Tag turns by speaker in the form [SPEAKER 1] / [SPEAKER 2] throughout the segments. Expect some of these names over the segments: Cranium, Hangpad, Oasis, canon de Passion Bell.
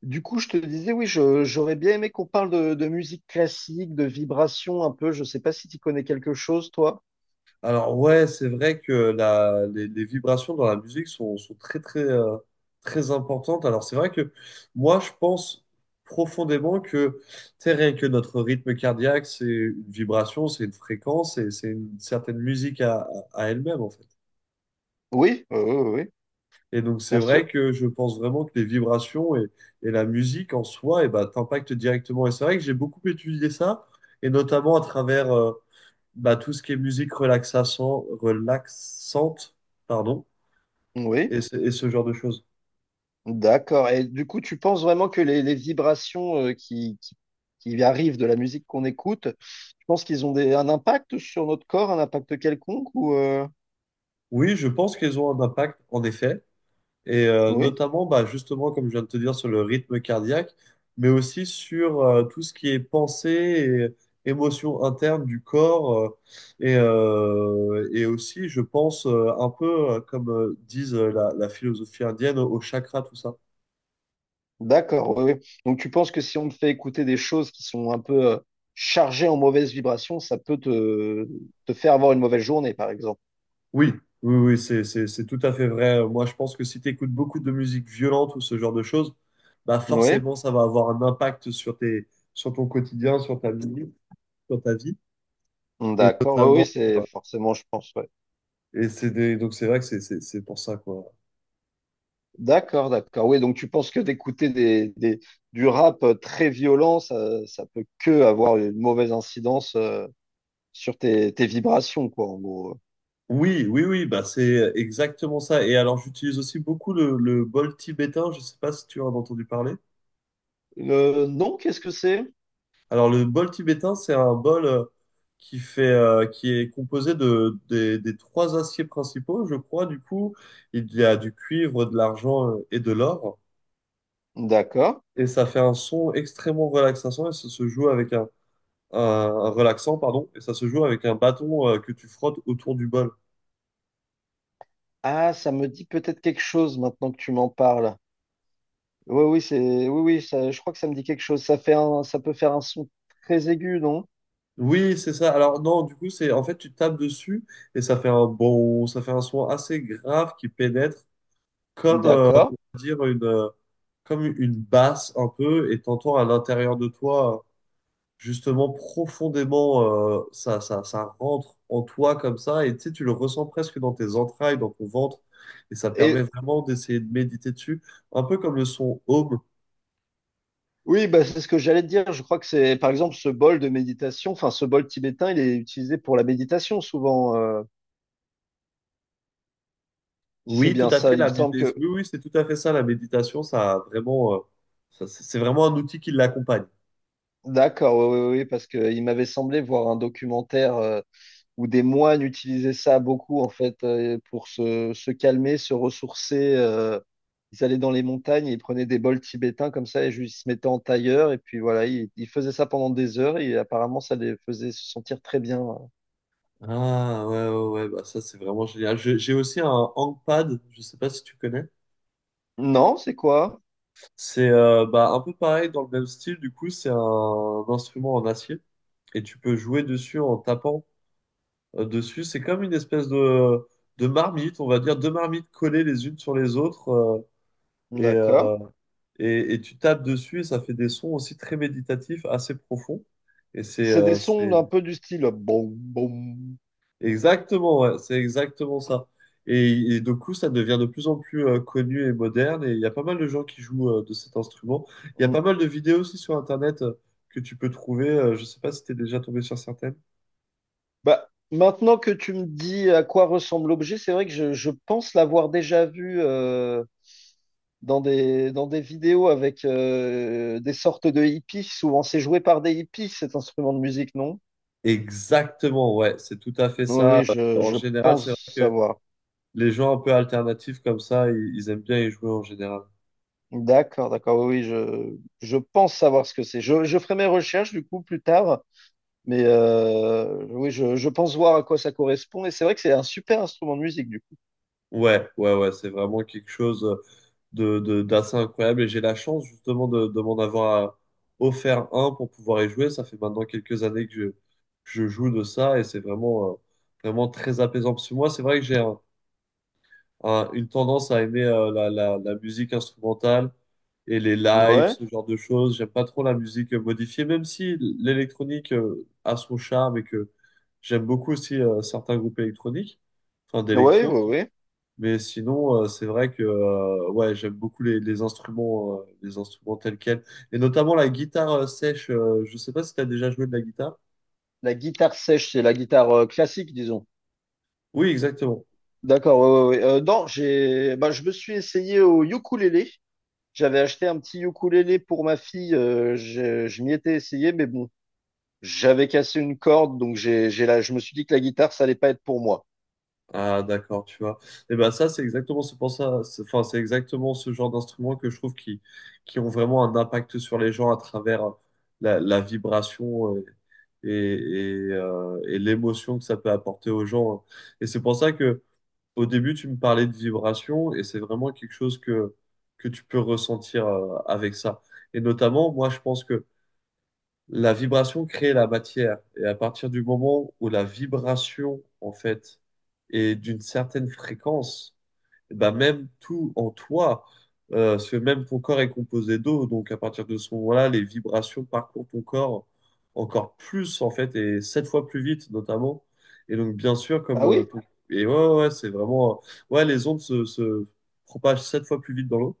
[SPEAKER 1] Du coup, je te disais, oui, j'aurais bien aimé qu'on parle de musique classique, de vibrations un peu. Je sais pas si tu connais quelque chose, toi.
[SPEAKER 2] Alors ouais, c'est vrai que les vibrations dans la musique sont très très très importantes. Alors c'est vrai que moi je pense profondément que tu sais, rien que notre rythme cardiaque, c'est une vibration, c'est une fréquence, et c'est une certaine musique à elle-même en fait.
[SPEAKER 1] Oui, oui, oui,
[SPEAKER 2] Et donc c'est
[SPEAKER 1] bien sûr.
[SPEAKER 2] vrai que je pense vraiment que les vibrations et la musique en soi, et ben, t'impactent directement. Et c'est vrai que j'ai beaucoup étudié ça, et notamment à travers bah, tout ce qui est musique relaxation, relaxante, pardon,
[SPEAKER 1] Oui,
[SPEAKER 2] et ce genre de choses.
[SPEAKER 1] d'accord. Et du coup, tu penses vraiment que les vibrations qui arrivent de la musique qu'on écoute, tu penses qu'ils ont un impact sur notre corps, un impact quelconque ou
[SPEAKER 2] Oui, je pense qu'elles ont un impact, en effet, et
[SPEAKER 1] oui,
[SPEAKER 2] notamment, bah, justement, comme je viens de te dire, sur le rythme cardiaque, mais aussi sur tout ce qui est pensée et émotion interne du corps, et aussi, je pense, un peu comme disent la philosophie indienne, au chakra, tout ça.
[SPEAKER 1] d'accord. Oui, oui. Donc, tu penses que si on te fait écouter des choses qui sont un peu chargées en mauvaises vibrations, ça peut te faire avoir une mauvaise journée, par exemple.
[SPEAKER 2] Oui, oui, oui, c'est tout à fait vrai. Moi, je pense que si tu écoutes beaucoup de musique violente ou ce genre de choses, bah
[SPEAKER 1] Oui.
[SPEAKER 2] forcément, ça va avoir un impact sur sur ton quotidien, sur ta vie, sur ta vie. Et
[SPEAKER 1] D'accord, oui,
[SPEAKER 2] notamment,
[SPEAKER 1] oui, c'est
[SPEAKER 2] euh,
[SPEAKER 1] forcément, je pense, ouais.
[SPEAKER 2] donc c'est vrai que c'est pour ça, quoi.
[SPEAKER 1] D'accord, d'accord. Oui, donc tu penses que d'écouter du rap très violent, ça peut que avoir une mauvaise incidence sur tes vibrations, quoi, en gros.
[SPEAKER 2] Oui, oui, oui, bah c'est exactement ça. Et alors, j'utilise aussi beaucoup le bol tibétain. Je sais pas si tu en as entendu parler.
[SPEAKER 1] Non, qu'est-ce que c'est?
[SPEAKER 2] Alors le bol tibétain, c'est un bol qui est composé des trois aciers principaux, je crois. Du coup, il y a du cuivre, de l'argent et de l'or.
[SPEAKER 1] D'accord.
[SPEAKER 2] Et ça fait un son extrêmement relaxant et ça se joue avec et ça se joue avec un bâton que tu frottes autour du bol.
[SPEAKER 1] Ah, ça me dit peut-être quelque chose maintenant que tu m'en parles. Oui, oui, oui, oui, je crois que ça me dit quelque chose. Ça peut faire un son très aigu, non?
[SPEAKER 2] Oui, c'est ça. Alors non, du coup, c'est en fait tu tapes dessus et ça fait un son assez grave qui pénètre comme
[SPEAKER 1] D'accord.
[SPEAKER 2] on va dire une comme une basse un peu et t'entends à l'intérieur de toi justement profondément ça rentre en toi comme ça, et tu sais, tu le ressens presque dans tes entrailles, dans ton ventre, et ça permet
[SPEAKER 1] Et
[SPEAKER 2] vraiment d'essayer de méditer dessus un peu comme le son home.
[SPEAKER 1] oui, bah, c'est ce que j'allais te dire. Je crois que c'est, par exemple, ce bol de méditation, enfin, ce bol tibétain, il est utilisé pour la méditation souvent, si c'est
[SPEAKER 2] Oui, tout
[SPEAKER 1] bien
[SPEAKER 2] à
[SPEAKER 1] ça.
[SPEAKER 2] fait,
[SPEAKER 1] Il me
[SPEAKER 2] la
[SPEAKER 1] semble
[SPEAKER 2] méditation. Oui,
[SPEAKER 1] que,
[SPEAKER 2] oui, c'est tout à fait ça, la méditation, ça a vraiment ça, c'est vraiment un outil qui l'accompagne.
[SPEAKER 1] d'accord, oui, oui, oui, parce que il m'avait semblé voir un documentaire où des moines utilisaient ça beaucoup, en fait, pour se calmer, se ressourcer. Ils allaient dans les montagnes, et ils prenaient des bols tibétains comme ça, et juste ils se mettaient en tailleur, et puis voilà, ils faisaient ça pendant des heures, et apparemment, ça les faisait se sentir très bien.
[SPEAKER 2] Ah ouais, ouais, ouais, bah ça c'est vraiment génial. J'ai aussi un Hangpad, je sais pas si tu connais.
[SPEAKER 1] Non, c'est quoi?
[SPEAKER 2] C'est bah, un peu pareil dans le même style, du coup, c'est un instrument en acier et tu peux jouer dessus en tapant dessus. C'est comme une espèce de marmite, on va dire, deux marmites collées les unes sur les autres et,
[SPEAKER 1] D'accord.
[SPEAKER 2] euh, et tu tapes dessus et ça fait des sons aussi très méditatifs, assez profonds. Et c'est
[SPEAKER 1] C'est des sons un peu du style boum, boum.
[SPEAKER 2] exactement, ouais, c'est exactement ça. Et du coup, ça devient de plus en plus connu et moderne, et il y a pas mal de gens qui jouent de cet instrument. Il y a pas
[SPEAKER 1] Mm.
[SPEAKER 2] mal de vidéos aussi sur Internet que tu peux trouver. Je sais pas si tu es déjà tombé sur certaines.
[SPEAKER 1] Bah, maintenant que tu me dis à quoi ressemble l'objet, c'est vrai que je pense l'avoir déjà vu dans dans des vidéos avec des sortes de hippies. Souvent, c'est joué par des hippies, cet instrument de musique, non?
[SPEAKER 2] Exactement, ouais, c'est tout à fait
[SPEAKER 1] Oui,
[SPEAKER 2] ça.
[SPEAKER 1] oui,
[SPEAKER 2] En
[SPEAKER 1] je
[SPEAKER 2] général, c'est vrai
[SPEAKER 1] pense
[SPEAKER 2] que
[SPEAKER 1] savoir.
[SPEAKER 2] les gens un peu alternatifs comme ça, ils aiment bien y jouer en général.
[SPEAKER 1] D'accord, d'accord. Oui, oui, je pense savoir ce que c'est. Je ferai mes recherches du coup plus tard, mais oui, je pense voir à quoi ça correspond. Et c'est vrai que c'est un super instrument de musique du coup.
[SPEAKER 2] Ouais, ouais, ouais, c'est vraiment quelque chose d'assez incroyable, et j'ai la chance justement de m'en avoir offert un pour pouvoir y jouer. Ça fait maintenant quelques années que je joue de ça et c'est vraiment, vraiment très apaisant. Parce que moi, c'est vrai que j'ai une tendance à aimer la musique instrumentale et les lives,
[SPEAKER 1] Ouais.
[SPEAKER 2] ce genre de choses. J'aime pas trop la musique modifiée, même si l'électronique a son charme et que j'aime beaucoup aussi certains groupes électroniques, enfin
[SPEAKER 1] Oui,
[SPEAKER 2] d'électro.
[SPEAKER 1] oui, oui.
[SPEAKER 2] Mais sinon, c'est vrai que ouais, j'aime beaucoup les instruments, les instruments tels quels, et notamment la guitare sèche. Je sais pas si tu as déjà joué de la guitare.
[SPEAKER 1] La guitare sèche, c'est la guitare classique, disons.
[SPEAKER 2] Oui, exactement.
[SPEAKER 1] D'accord, oui, oui, oui. Non, j'ai, Bah, je me suis essayé au ukulélé. J'avais acheté un petit ukulélé pour ma fille. Je m'y étais essayé, mais bon, j'avais cassé une corde, donc je me suis dit que la guitare, ça allait pas être pour moi.
[SPEAKER 2] Ah, d'accord, tu vois. Et ben ça, c'est exactement ce pour ça. Enfin, c'est exactement ce genre d'instruments que je trouve qui ont vraiment un impact sur les gens à travers la vibration et, et l'émotion que ça peut apporter aux gens, hein. Et c'est pour ça que au début, tu me parlais de vibration et c'est vraiment quelque chose que tu peux ressentir avec ça. Et notamment, moi, je pense que la vibration crée la matière. Et à partir du moment où la vibration, en fait, est d'une certaine fréquence, bah même tout en toi, parce que même ton corps est composé d'eau, donc à partir de ce moment-là, les vibrations parcourent ton corps encore plus en fait, et sept fois plus vite notamment. Et donc bien sûr comme
[SPEAKER 1] Ah
[SPEAKER 2] euh,
[SPEAKER 1] oui?
[SPEAKER 2] ton- Et ouais, ouais, ouais, c'est vraiment ouais, les ondes se propagent sept fois plus vite dans l'eau.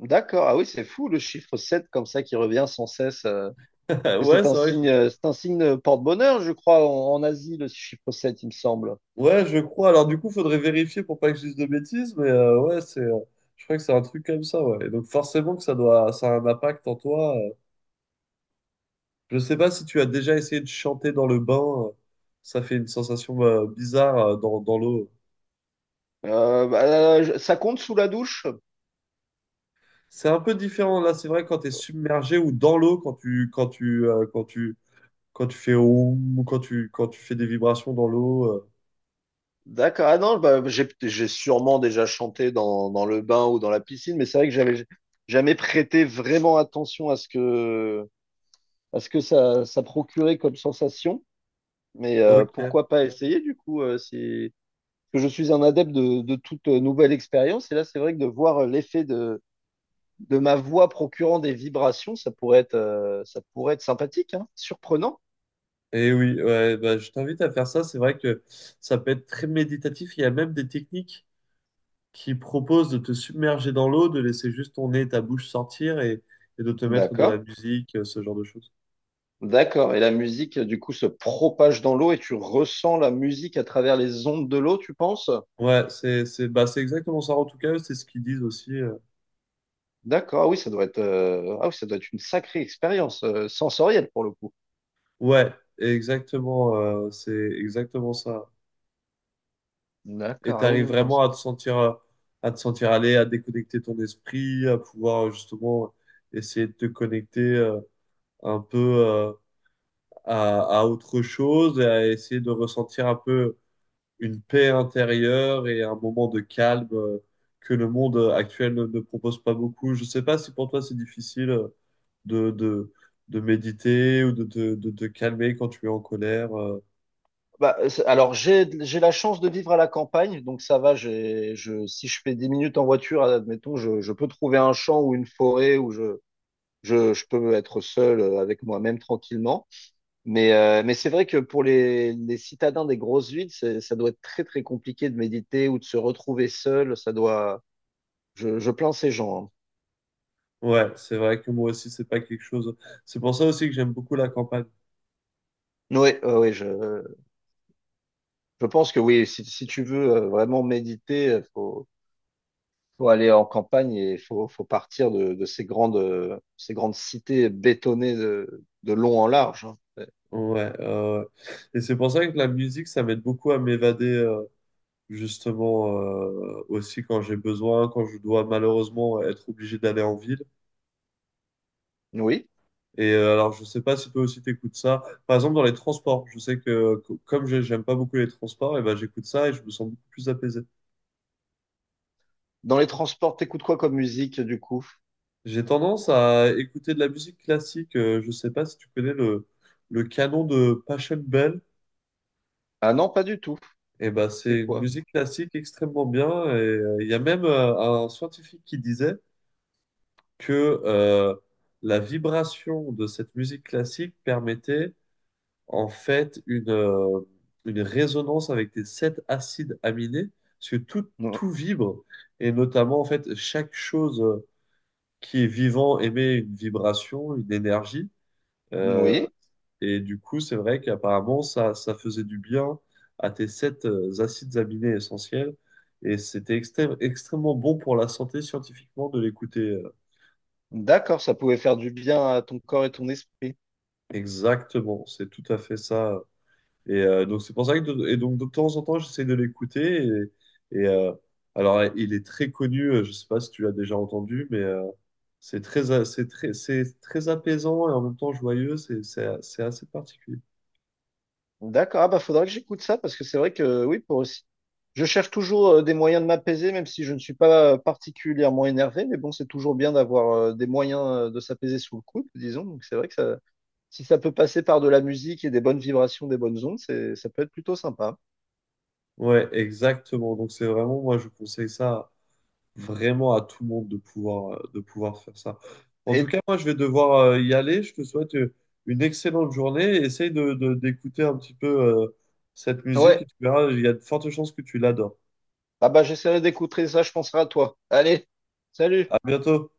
[SPEAKER 1] D'accord. Ah oui, c'est fou le chiffre 7 comme ça qui revient sans cesse. Que
[SPEAKER 2] Ouais c'est vrai. Que
[SPEAKER 1] c'est un signe porte-bonheur, je crois, en Asie, le chiffre 7, il me semble.
[SPEAKER 2] ouais, je crois. Alors du coup faudrait vérifier pour pas que je dise de bêtises, mais ouais c'est je crois que c'est un truc comme ça, ouais. Et donc forcément que ça a un impact en toi. Je sais pas si tu as déjà essayé de chanter dans le bain. Ça fait une sensation bizarre dans l'eau.
[SPEAKER 1] Euh, bah, Ça compte sous la douche?
[SPEAKER 2] C'est un peu différent là, c'est vrai, quand tu es submergé ou dans l'eau, quand tu fais oum, ou quand tu fais des vibrations dans l'eau.
[SPEAKER 1] D'accord. Ah non, bah, j'ai sûrement déjà chanté dans le bain ou dans la piscine, mais c'est vrai que j'avais jamais prêté vraiment attention à à ce que ça procurait comme sensation. Mais
[SPEAKER 2] OK.
[SPEAKER 1] pourquoi pas essayer du coup si... Parce que je suis un adepte de toute nouvelle expérience. Et là, c'est vrai que de voir l'effet de ma voix procurant des vibrations, ça pourrait être sympathique, hein, surprenant.
[SPEAKER 2] Et oui, ouais, bah, je t'invite à faire ça, c'est vrai que ça peut être très méditatif, il y a même des techniques qui proposent de te submerger dans l'eau, de laisser juste ton nez et ta bouche sortir et de te mettre de la
[SPEAKER 1] D'accord.
[SPEAKER 2] musique, ce genre de choses.
[SPEAKER 1] D'accord. Et la musique, du coup, se propage dans l'eau et tu ressens la musique à travers les ondes de l'eau, tu penses?
[SPEAKER 2] Ouais, c'est bah c'est exactement ça, en tout cas, eux, c'est ce qu'ils disent aussi.
[SPEAKER 1] D'accord. Ah oui, ah oui, ça doit être une sacrée expérience sensorielle pour le coup.
[SPEAKER 2] Ouais, exactement, c'est exactement ça. Et
[SPEAKER 1] D'accord. Ah oui,
[SPEAKER 2] t'arrives
[SPEAKER 1] oui, non.
[SPEAKER 2] vraiment à te sentir aller, à déconnecter ton esprit, à pouvoir justement essayer de te connecter un peu à autre chose, et à essayer de ressentir un peu une paix intérieure et un moment de calme que le monde actuel ne propose pas beaucoup. Je sais pas si pour toi c'est difficile, de, de, de méditer ou de te calmer quand tu es en colère.
[SPEAKER 1] Alors, j'ai la chance de vivre à la campagne, donc ça va. Si je fais 10 minutes en voiture, admettons, je peux trouver un champ ou une forêt je peux être seul avec moi-même tranquillement. Mais c'est vrai que pour les citadins des grosses villes, ça doit être très très compliqué de méditer ou de se retrouver seul. Ça doit. Je plains ces gens.
[SPEAKER 2] Ouais, c'est vrai que moi aussi, c'est pas quelque chose. C'est pour ça aussi que j'aime beaucoup la campagne.
[SPEAKER 1] Hein. Ouais, ouais, ouais, je pense que oui. Si tu veux vraiment méditer, faut aller en campagne et faut partir de ces ces grandes cités bétonnées de long en large. Hein. Ouais.
[SPEAKER 2] Ouais, et c'est pour ça que la musique, ça m'aide beaucoup à m'évader, justement, aussi quand j'ai besoin, quand je dois malheureusement être obligé d'aller en ville.
[SPEAKER 1] Oui.
[SPEAKER 2] Et alors, je sais pas si toi aussi t'écoutes ça. Par exemple, dans les transports, je sais que comme j'aime pas beaucoup les transports, et ben j'écoute ça et je me sens beaucoup plus apaisé.
[SPEAKER 1] Dans les transports, t'écoutes quoi comme musique du coup?
[SPEAKER 2] J'ai tendance à écouter de la musique classique. Je sais pas si tu connais le canon de Passion Bell.
[SPEAKER 1] Ah non, pas du tout.
[SPEAKER 2] Et ben,
[SPEAKER 1] C'est
[SPEAKER 2] c'est une
[SPEAKER 1] quoi?
[SPEAKER 2] musique classique extrêmement bien. Et il y a même un scientifique qui disait que la vibration de cette musique classique permettait en fait une résonance avec des sept acides aminés, parce que tout,
[SPEAKER 1] Non.
[SPEAKER 2] tout vibre. Et notamment, en fait, chaque chose qui est vivant émet une vibration, une énergie. Euh,
[SPEAKER 1] Oui.
[SPEAKER 2] Et du coup, c'est vrai qu'apparemment, ça faisait du bien à tes sept acides aminés essentiels. Et c'était extrêmement bon pour la santé scientifiquement de l'écouter.
[SPEAKER 1] D'accord, ça pouvait faire du bien à ton corps et ton esprit.
[SPEAKER 2] Exactement, c'est tout à fait ça. Et donc, c'est pour ça que et donc, de temps en temps, j'essaie de l'écouter. Et, alors, il est très connu, je ne sais pas si tu l'as déjà entendu, mais c'est très, a- c'est très apaisant et en même temps joyeux. C'est assez particulier.
[SPEAKER 1] D'accord, ah bah faudrait que j'écoute ça parce que c'est vrai que oui, pour aussi. Je cherche toujours des moyens de m'apaiser, même si je ne suis pas particulièrement énervé, mais bon, c'est toujours bien d'avoir des moyens de s'apaiser sous le coude, disons. Donc c'est vrai que ça, si ça peut passer par de la musique et des bonnes vibrations, des bonnes ondes, c'est, ça peut être plutôt sympa.
[SPEAKER 2] Ouais, exactement. Donc, c'est vraiment, moi, je conseille ça vraiment à tout le monde de pouvoir, de pouvoir, faire ça. En tout
[SPEAKER 1] Et
[SPEAKER 2] cas, moi, je vais devoir y aller. Je te souhaite une excellente journée. Essaye d'écouter un petit peu cette musique et
[SPEAKER 1] ouais,
[SPEAKER 2] tu verras, il y a de fortes chances que tu l'adores.
[SPEAKER 1] ah bah j'essaierai d'écouter ça, je penserai à toi. Allez, salut!
[SPEAKER 2] À bientôt.